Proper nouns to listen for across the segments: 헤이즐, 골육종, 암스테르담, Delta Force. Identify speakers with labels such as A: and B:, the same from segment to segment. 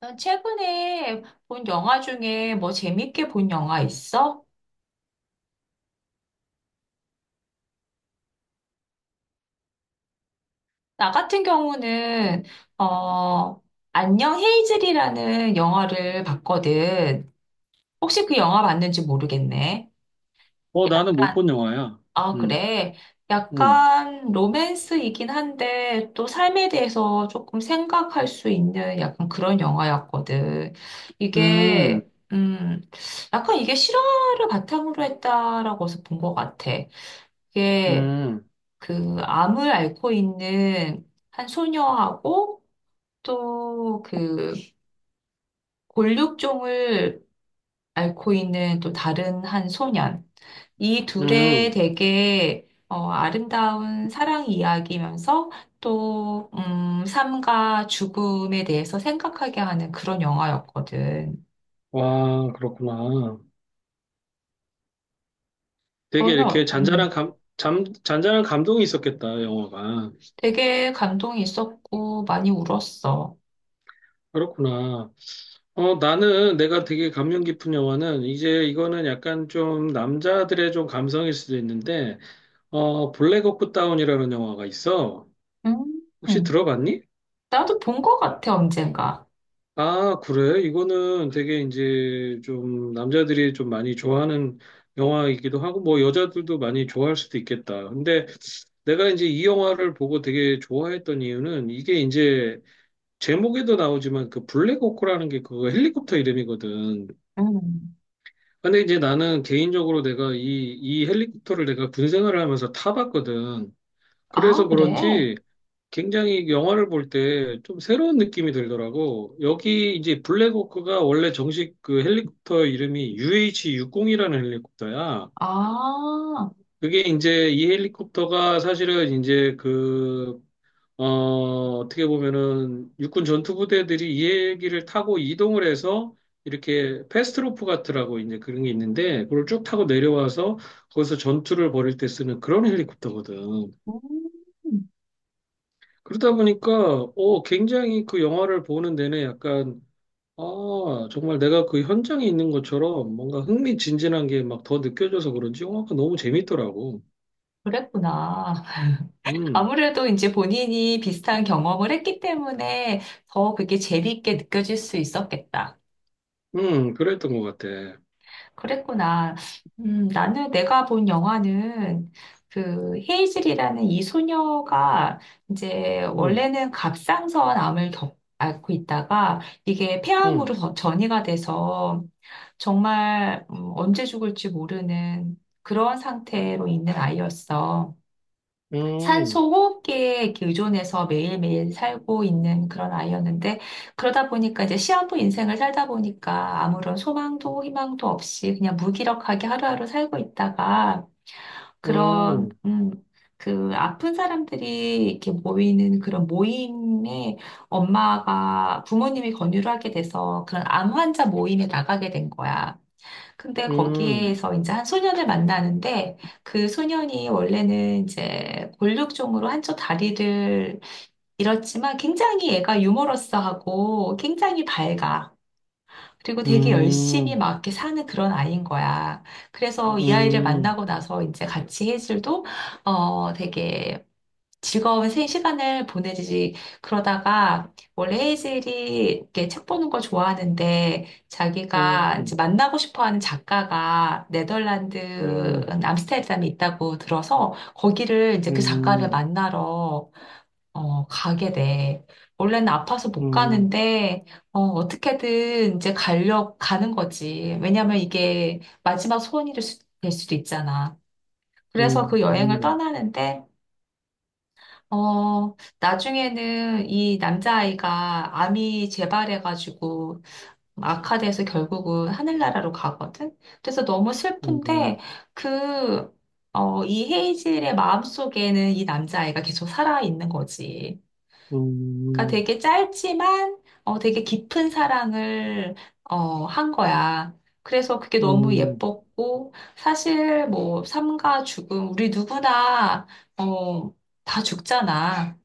A: 넌 최근에 본 영화 중에 뭐 재밌게 본 영화 있어? 나 같은 경우는, 어, 안녕 헤이즐이라는 영화를 봤거든. 혹시 그 영화 봤는지 모르겠네.
B: 나는 못
A: 약간,
B: 본 영화야.
A: 아,
B: 음,
A: 그래.
B: 음,
A: 약간 로맨스이긴 한데 또 삶에 대해서 조금 생각할 수 있는 약간 그런 영화였거든.
B: 음,
A: 이게, 약간 이게 실화를 바탕으로 했다라고 해서 본 것 같아. 이게
B: 음,
A: 그 암을 앓고 있는 한 소녀하고 또 그 골육종을 앓고 있는 또 다른 한 소년. 이 둘의
B: 음.
A: 되게 아름다운 사랑 이야기면서 또, 삶과 죽음에 대해서 생각하게 하는 그런 영화였거든.
B: 와, 그렇구나. 되게
A: 너는
B: 이렇게
A: 어- 음,
B: 잔잔한 잔잔한 감동이 있었겠다, 영화가.
A: 되게 감동이 있었고 많이 울었어.
B: 그렇구나. 나는 내가 되게 감명 깊은 영화는 이제 이거는 약간 좀 남자들의 좀 감성일 수도 있는데, 블랙 호크 다운이라는 영화가 있어. 혹시
A: 음,
B: 들어봤니?
A: 나도 본 것 같아, 언젠가.
B: 아, 그래? 이거는 되게 이제 좀 남자들이 좀 많이 좋아하는 영화이기도 하고, 뭐 여자들도 많이 좋아할 수도 있겠다. 근데 내가 이제 이 영화를 보고 되게 좋아했던 이유는 이게 이제 제목에도 나오지만 그 블랙호크라는 게 그거 헬리콥터 이름이거든.
A: 음.
B: 근데 이제 나는 개인적으로 내가 이 헬리콥터를 내가 군 생활을 하면서 타봤거든.
A: 아,
B: 그래서
A: 그래?
B: 그런지 굉장히 영화를 볼 때 좀 새로운 느낌이 들더라고. 여기 이제 블랙호크가 원래 정식 그 헬리콥터 이름이 UH-60이라는 헬리콥터야.
A: 아,
B: 그게 이제 이 헬리콥터가 사실은 이제 그, 어, 어떻게 보면은 육군 전투부대들이 이 헬기를 타고 이동을 해서 이렇게 패스트로프 같으라고 이제 그런 게 있는데 그걸 쭉 타고 내려와서 거기서 전투를 벌일 때 쓰는 그런 헬리콥터거든.
A: 음,
B: 그러다 보니까 굉장히 그 영화를 보는 내내 약간 아 정말 내가 그 현장에 있는 것처럼 뭔가 흥미진진한 게 막 더 느껴져서 그런지 영화가 너무 재밌더라고.
A: 그랬구나.
B: 음,
A: 아무래도 이제 본인이 비슷한 경험을 했기 때문에 더 그게 재미있게 느껴질 수 있었겠다.
B: 그랬던 것 같아.
A: 그랬구나. 나는 내가 본 영화는 그 헤이즐이라는 이 소녀가 이제
B: 음,
A: 원래는 갑상선 암을 앓고 있다가 이게
B: 음,
A: 폐암으로 더 전이가 돼서 정말 언제 죽을지 모르는 그런 상태로 있는 아이였어.
B: 음,
A: 산소 호흡기에 이렇게 의존해서 매일매일 살고 있는 그런 아이였는데, 그러다 보니까 이제 시한부 인생을 살다 보니까 아무런 소망도 희망도 없이 그냥 무기력하게 하루하루 살고 있다가, 그런,
B: 음,
A: 그 아픈 사람들이 이렇게 모이는 그런 모임에 엄마가 부모님이 권유를 하게 돼서 그런 암 환자 모임에 나가게 된 거야. 근데
B: 음,
A: 거기에서 이제 한 소년을 만나는데 그 소년이 원래는 이제 골육종으로 한쪽 다리를 잃었지만 굉장히 얘가 유머러스하고 굉장히 밝아. 그리고
B: 음,
A: 되게 열심히
B: 음,
A: 막 이렇게 사는 그런 아이인 거야. 그래서 이 아이를
B: 음,
A: 만나고 나서 이제 같이 해줄도 되게 즐거운 생 시간을 보내지. 그러다가 원래 헤이즐이 이렇게 책 보는 걸 좋아하는데 자기가 이제
B: 음,
A: 만나고 싶어 하는 작가가
B: 음, 음,
A: 네덜란드 암스테르담에 있다고 들어서 거기를 이제 그 작가를
B: 음,
A: 만나러 가게 돼. 원래는 아파서 못 가는데 어떻게든 이제 가려 가는 거지. 왜냐면 이게 마지막 소원이 될 수도 있잖아. 그래서 그 여행을
B: 음,
A: 떠나는데 어, 나중에는 이 남자아이가 암이 재발해가지고 악화돼서 결국은 하늘나라로 가거든? 그래서 너무 슬픈데, 그, 이 헤이즐의 마음속에는 이 남자아이가 계속 살아있는 거지. 그러니까
B: 음,
A: 되게 짧지만, 되게 깊은 사랑을, 한 거야. 그래서 그게 너무
B: 음,
A: 예뻤고, 사실 뭐, 삶과 죽음, 우리 누구나, 어, 다 죽잖아.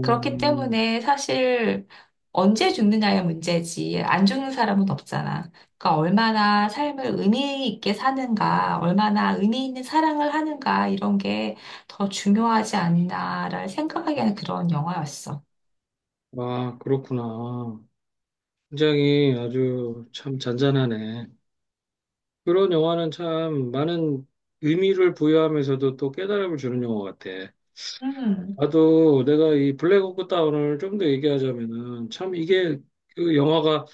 A: 그렇기 때문에 사실 언제 죽느냐의 문제지 안 죽는 사람은 없잖아. 그러니까 얼마나 삶을 의미 있게 사는가, 얼마나 의미 있는 사랑을 하는가 이런 게 더 중요하지 않나를 생각하게 하는 그런 영화였어.
B: 아, 그렇구나. 굉장히 아주 참 잔잔하네. 그런 영화는 참 많은 의미를 부여하면서도 또 깨달음을 주는 영화 같아.
A: 음,
B: 나도 내가 이 블랙 호크 다운을 좀 더 얘기하자면은 참 이게 그 영화가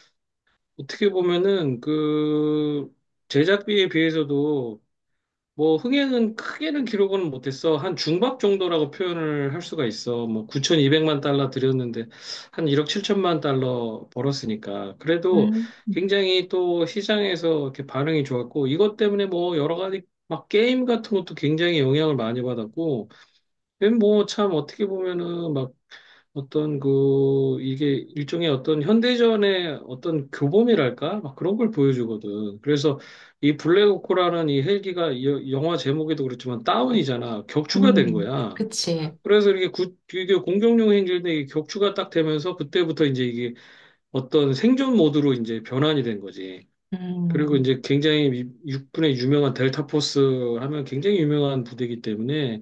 B: 어떻게 보면은 그 제작비에 비해서도 뭐 흥행은 크게는 기록은 못했어. 한 중박 정도라고 표현을 할 수가 있어. 뭐 9,200만 달러 들였는데 한 1억 7천만 달러 벌었으니까. 그래도
A: 음,
B: 굉장히 또 시장에서 이렇게 반응이 좋았고 이것 때문에 뭐 여러 가지 막 게임 같은 것도 굉장히 영향을 많이 받았고 뭐 참 어떻게 보면은 막 어떤 그 이게 일종의 어떤 현대전의 어떤 교범이랄까 막 그런 걸 보여주거든. 그래서 이 블랙호크라는 이 헬기가 이 영화 제목에도 그렇지만 다운이잖아. 격추가 된 거야.
A: 그치.
B: 그래서 이게 공격용 헬기인데 이게 격추가 딱 되면서 그때부터 이제 이게 어떤 생존 모드로 이제 변환이 된 거지. 그리고
A: 음.
B: 이제 굉장히 육군의 유명한 델타 포스 하면 굉장히 유명한 부대이기 때문에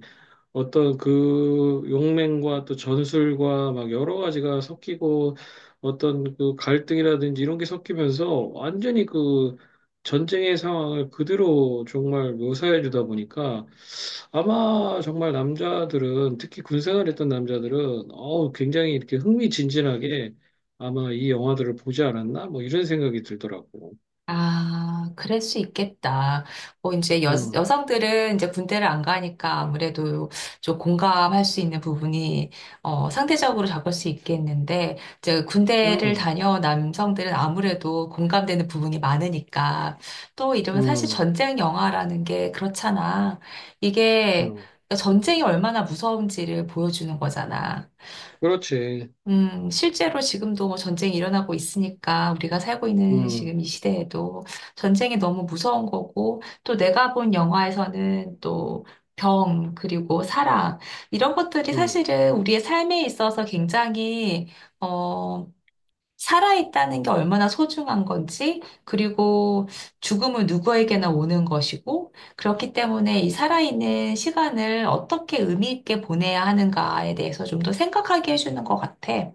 B: 어떤 그 용맹과 또 전술과 막 여러 가지가 섞이고 어떤 그 갈등이라든지 이런 게 섞이면서 완전히 그 전쟁의 상황을 그대로 정말 묘사해 주다 보니까 아마 정말 남자들은 특히 군생활 했던 남자들은 어우 굉장히 이렇게 흥미진진하게 아마 이 영화들을 보지 않았나 뭐 이런 생각이 들더라고.
A: 아, 그럴 수 있겠다. 뭐, 이제
B: 음,
A: 여성들은 이제 군대를 안 가니까 아무래도 좀 공감할 수 있는 부분이, 상대적으로 적을 수 있겠는데, 이제 군대를
B: 음,
A: 다녀온 남성들은 아무래도 공감되는 부분이 많으니까, 또 이러면 사실
B: 음,
A: 전쟁 영화라는 게 그렇잖아. 이게
B: 음.
A: 그러니까 전쟁이 얼마나 무서운지를 보여주는 거잖아.
B: 그렇지.
A: 실제로 지금도 뭐 전쟁이 일어나고 있으니까 우리가 살고 있는
B: 음,
A: 지금 이 시대에도 전쟁이 너무 무서운 거고 또 내가 본 영화에서는 또 병, 그리고 사랑, 이런 것들이
B: 음.
A: 사실은 우리의 삶에 있어서 굉장히, 어, 살아있다는 게 얼마나 소중한 건지, 그리고 죽음은 누구에게나 오는 것이고, 그렇기 때문에 이 살아있는 시간을 어떻게 의미 있게 보내야 하는가에 대해서 좀 더 생각하게 해주는 것 같아.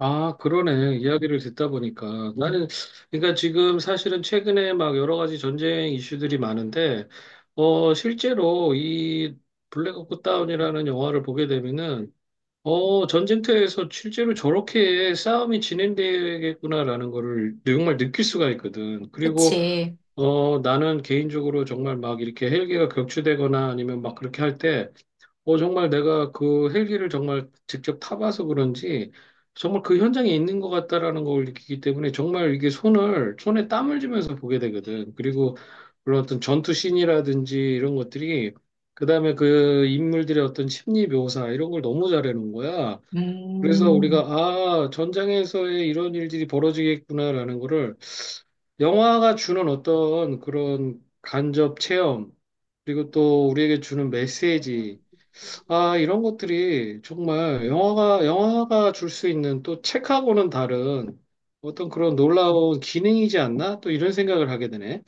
B: 아, 그러네. 이야기를 듣다 보니까. 나는, 그러니까 지금 사실은 최근에 막 여러 가지 전쟁 이슈들이 많은데, 실제로 이 블랙 옵스 다운이라는 영화를 보게 되면은, 전쟁터에서 실제로 저렇게 싸움이 진행되겠구나라는 거를 정말 느낄 수가 있거든. 그리고,
A: 그치.
B: 나는 개인적으로 정말 막 이렇게 헬기가 격추되거나 아니면 막 그렇게 할 때, 정말 내가 그 헬기를 정말 직접 타봐서 그런지 정말 그 현장에 있는 것 같다라는 걸 느끼기 때문에 정말 이게 손에 땀을 쥐면서 보게 되거든. 그리고 물론 어떤 전투 씬이라든지 이런 것들이 그다음에 그 인물들의 어떤 심리 묘사 이런 걸 너무 잘해놓은 거야. 그래서 우리가
A: 음,
B: 아, 전장에서의 이런 일들이 벌어지겠구나라는 거를 영화가 주는 어떤 그런 간접 체험 그리고 또 우리에게 주는 메시지 아, 이런 것들이 정말 영화가 줄 수 있는 또 책하고는 다른 어떤 그런 놀라운 기능이지 않나? 또 이런 생각을 하게 되네.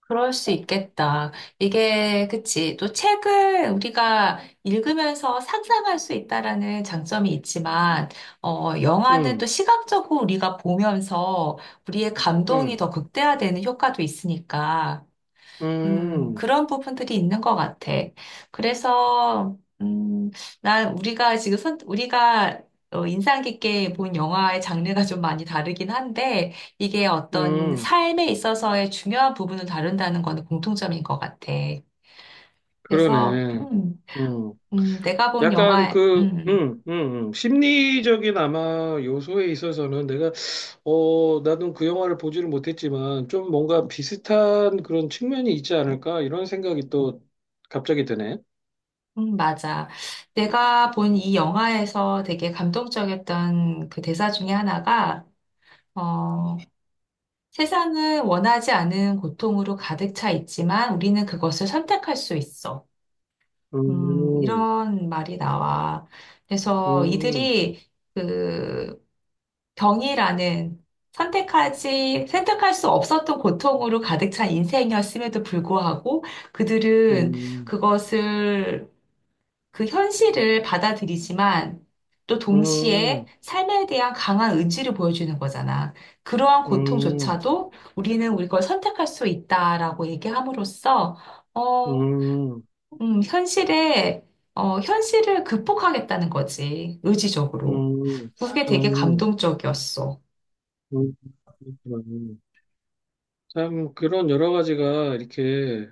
A: 그럴 수 있겠다. 이게, 그치. 또 책을 우리가 읽으면서 상상할 수 있다라는 장점이 있지만, 영화는 또
B: 음,
A: 시각적으로 우리가 보면서 우리의 감동이
B: 음,
A: 더 극대화되는 효과도 있으니까,
B: 음,
A: 그런 부분들이 있는 것 같아. 그래서, 난 우리가 지금 우리가 인상 깊게 본 영화의 장르가 좀 많이 다르긴 한데, 이게 어떤
B: 음,
A: 삶에 있어서의 중요한 부분을 다룬다는 거는 공통점인 것 같아. 그래서,
B: 그러네. 음,
A: 내가 본
B: 약간
A: 영화,
B: 그, 심리적인 아마 요소에 있어서는 내가, 나는 그 영화를 보지를 못했지만 좀 뭔가 비슷한 그런 측면이 있지 않을까? 이런 생각이 또 갑자기 드네.
A: 맞아. 내가 본 이 영화에서 되게 감동적이었던 그 대사 중에 하나가, 어, 세상은 원하지 않은 고통으로 가득 차 있지만 우리는 그것을 선택할 수 있어.
B: 음,
A: 이런 말이 나와. 그래서
B: 음.
A: 이들이 그 병이라는 선택할 수 없었던 고통으로 가득 찬 인생이었음에도 불구하고 그들은
B: 음,
A: 그것을 그 현실을 받아들이지만 또 동시에
B: 음,
A: 삶에 대한 강한 의지를 보여주는 거잖아. 그러한
B: 음,
A: 고통조차도 우리는 우리 걸 선택할 수 있다라고 얘기함으로써, 어,
B: 음,
A: 음, 현실에, 현실을 극복하겠다는 거지. 의지적으로.
B: 음,
A: 그게 되게
B: 음,
A: 감동적이었어.
B: 음, 그렇구나. 참, 그런 여러 가지가 이렇게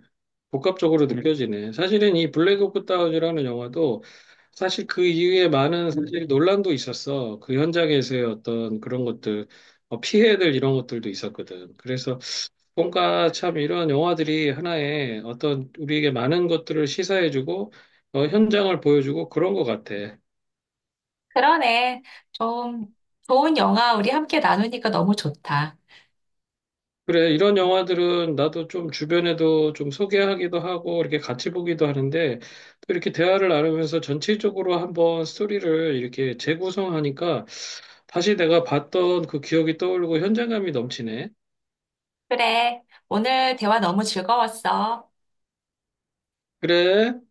B: 복합적으로 느껴지네. 사실은 이 블랙 오프 다운이라는 영화도 사실 그 이후에 많은 사실 논란도 있었어. 그 현장에서의 어떤 그런 것들, 피해들 이런 것들도 있었거든. 그래서 뭔가 참 이런 영화들이 하나의 어떤 우리에게 많은 것들을 시사해주고, 현장을 보여주고 그런 것 같아.
A: 그러네. 좀 좋은 영화 우리 함께 나누니까 너무 좋다.
B: 그래, 이런 영화들은 나도 좀 주변에도 좀 소개하기도 하고, 이렇게 같이 보기도 하는데, 또 이렇게 대화를 나누면서 전체적으로 한번 스토리를 이렇게 재구성하니까, 다시 내가 봤던 그 기억이 떠오르고 현장감이 넘치네.
A: 그래. 오늘 대화 너무 즐거웠어.
B: 그래.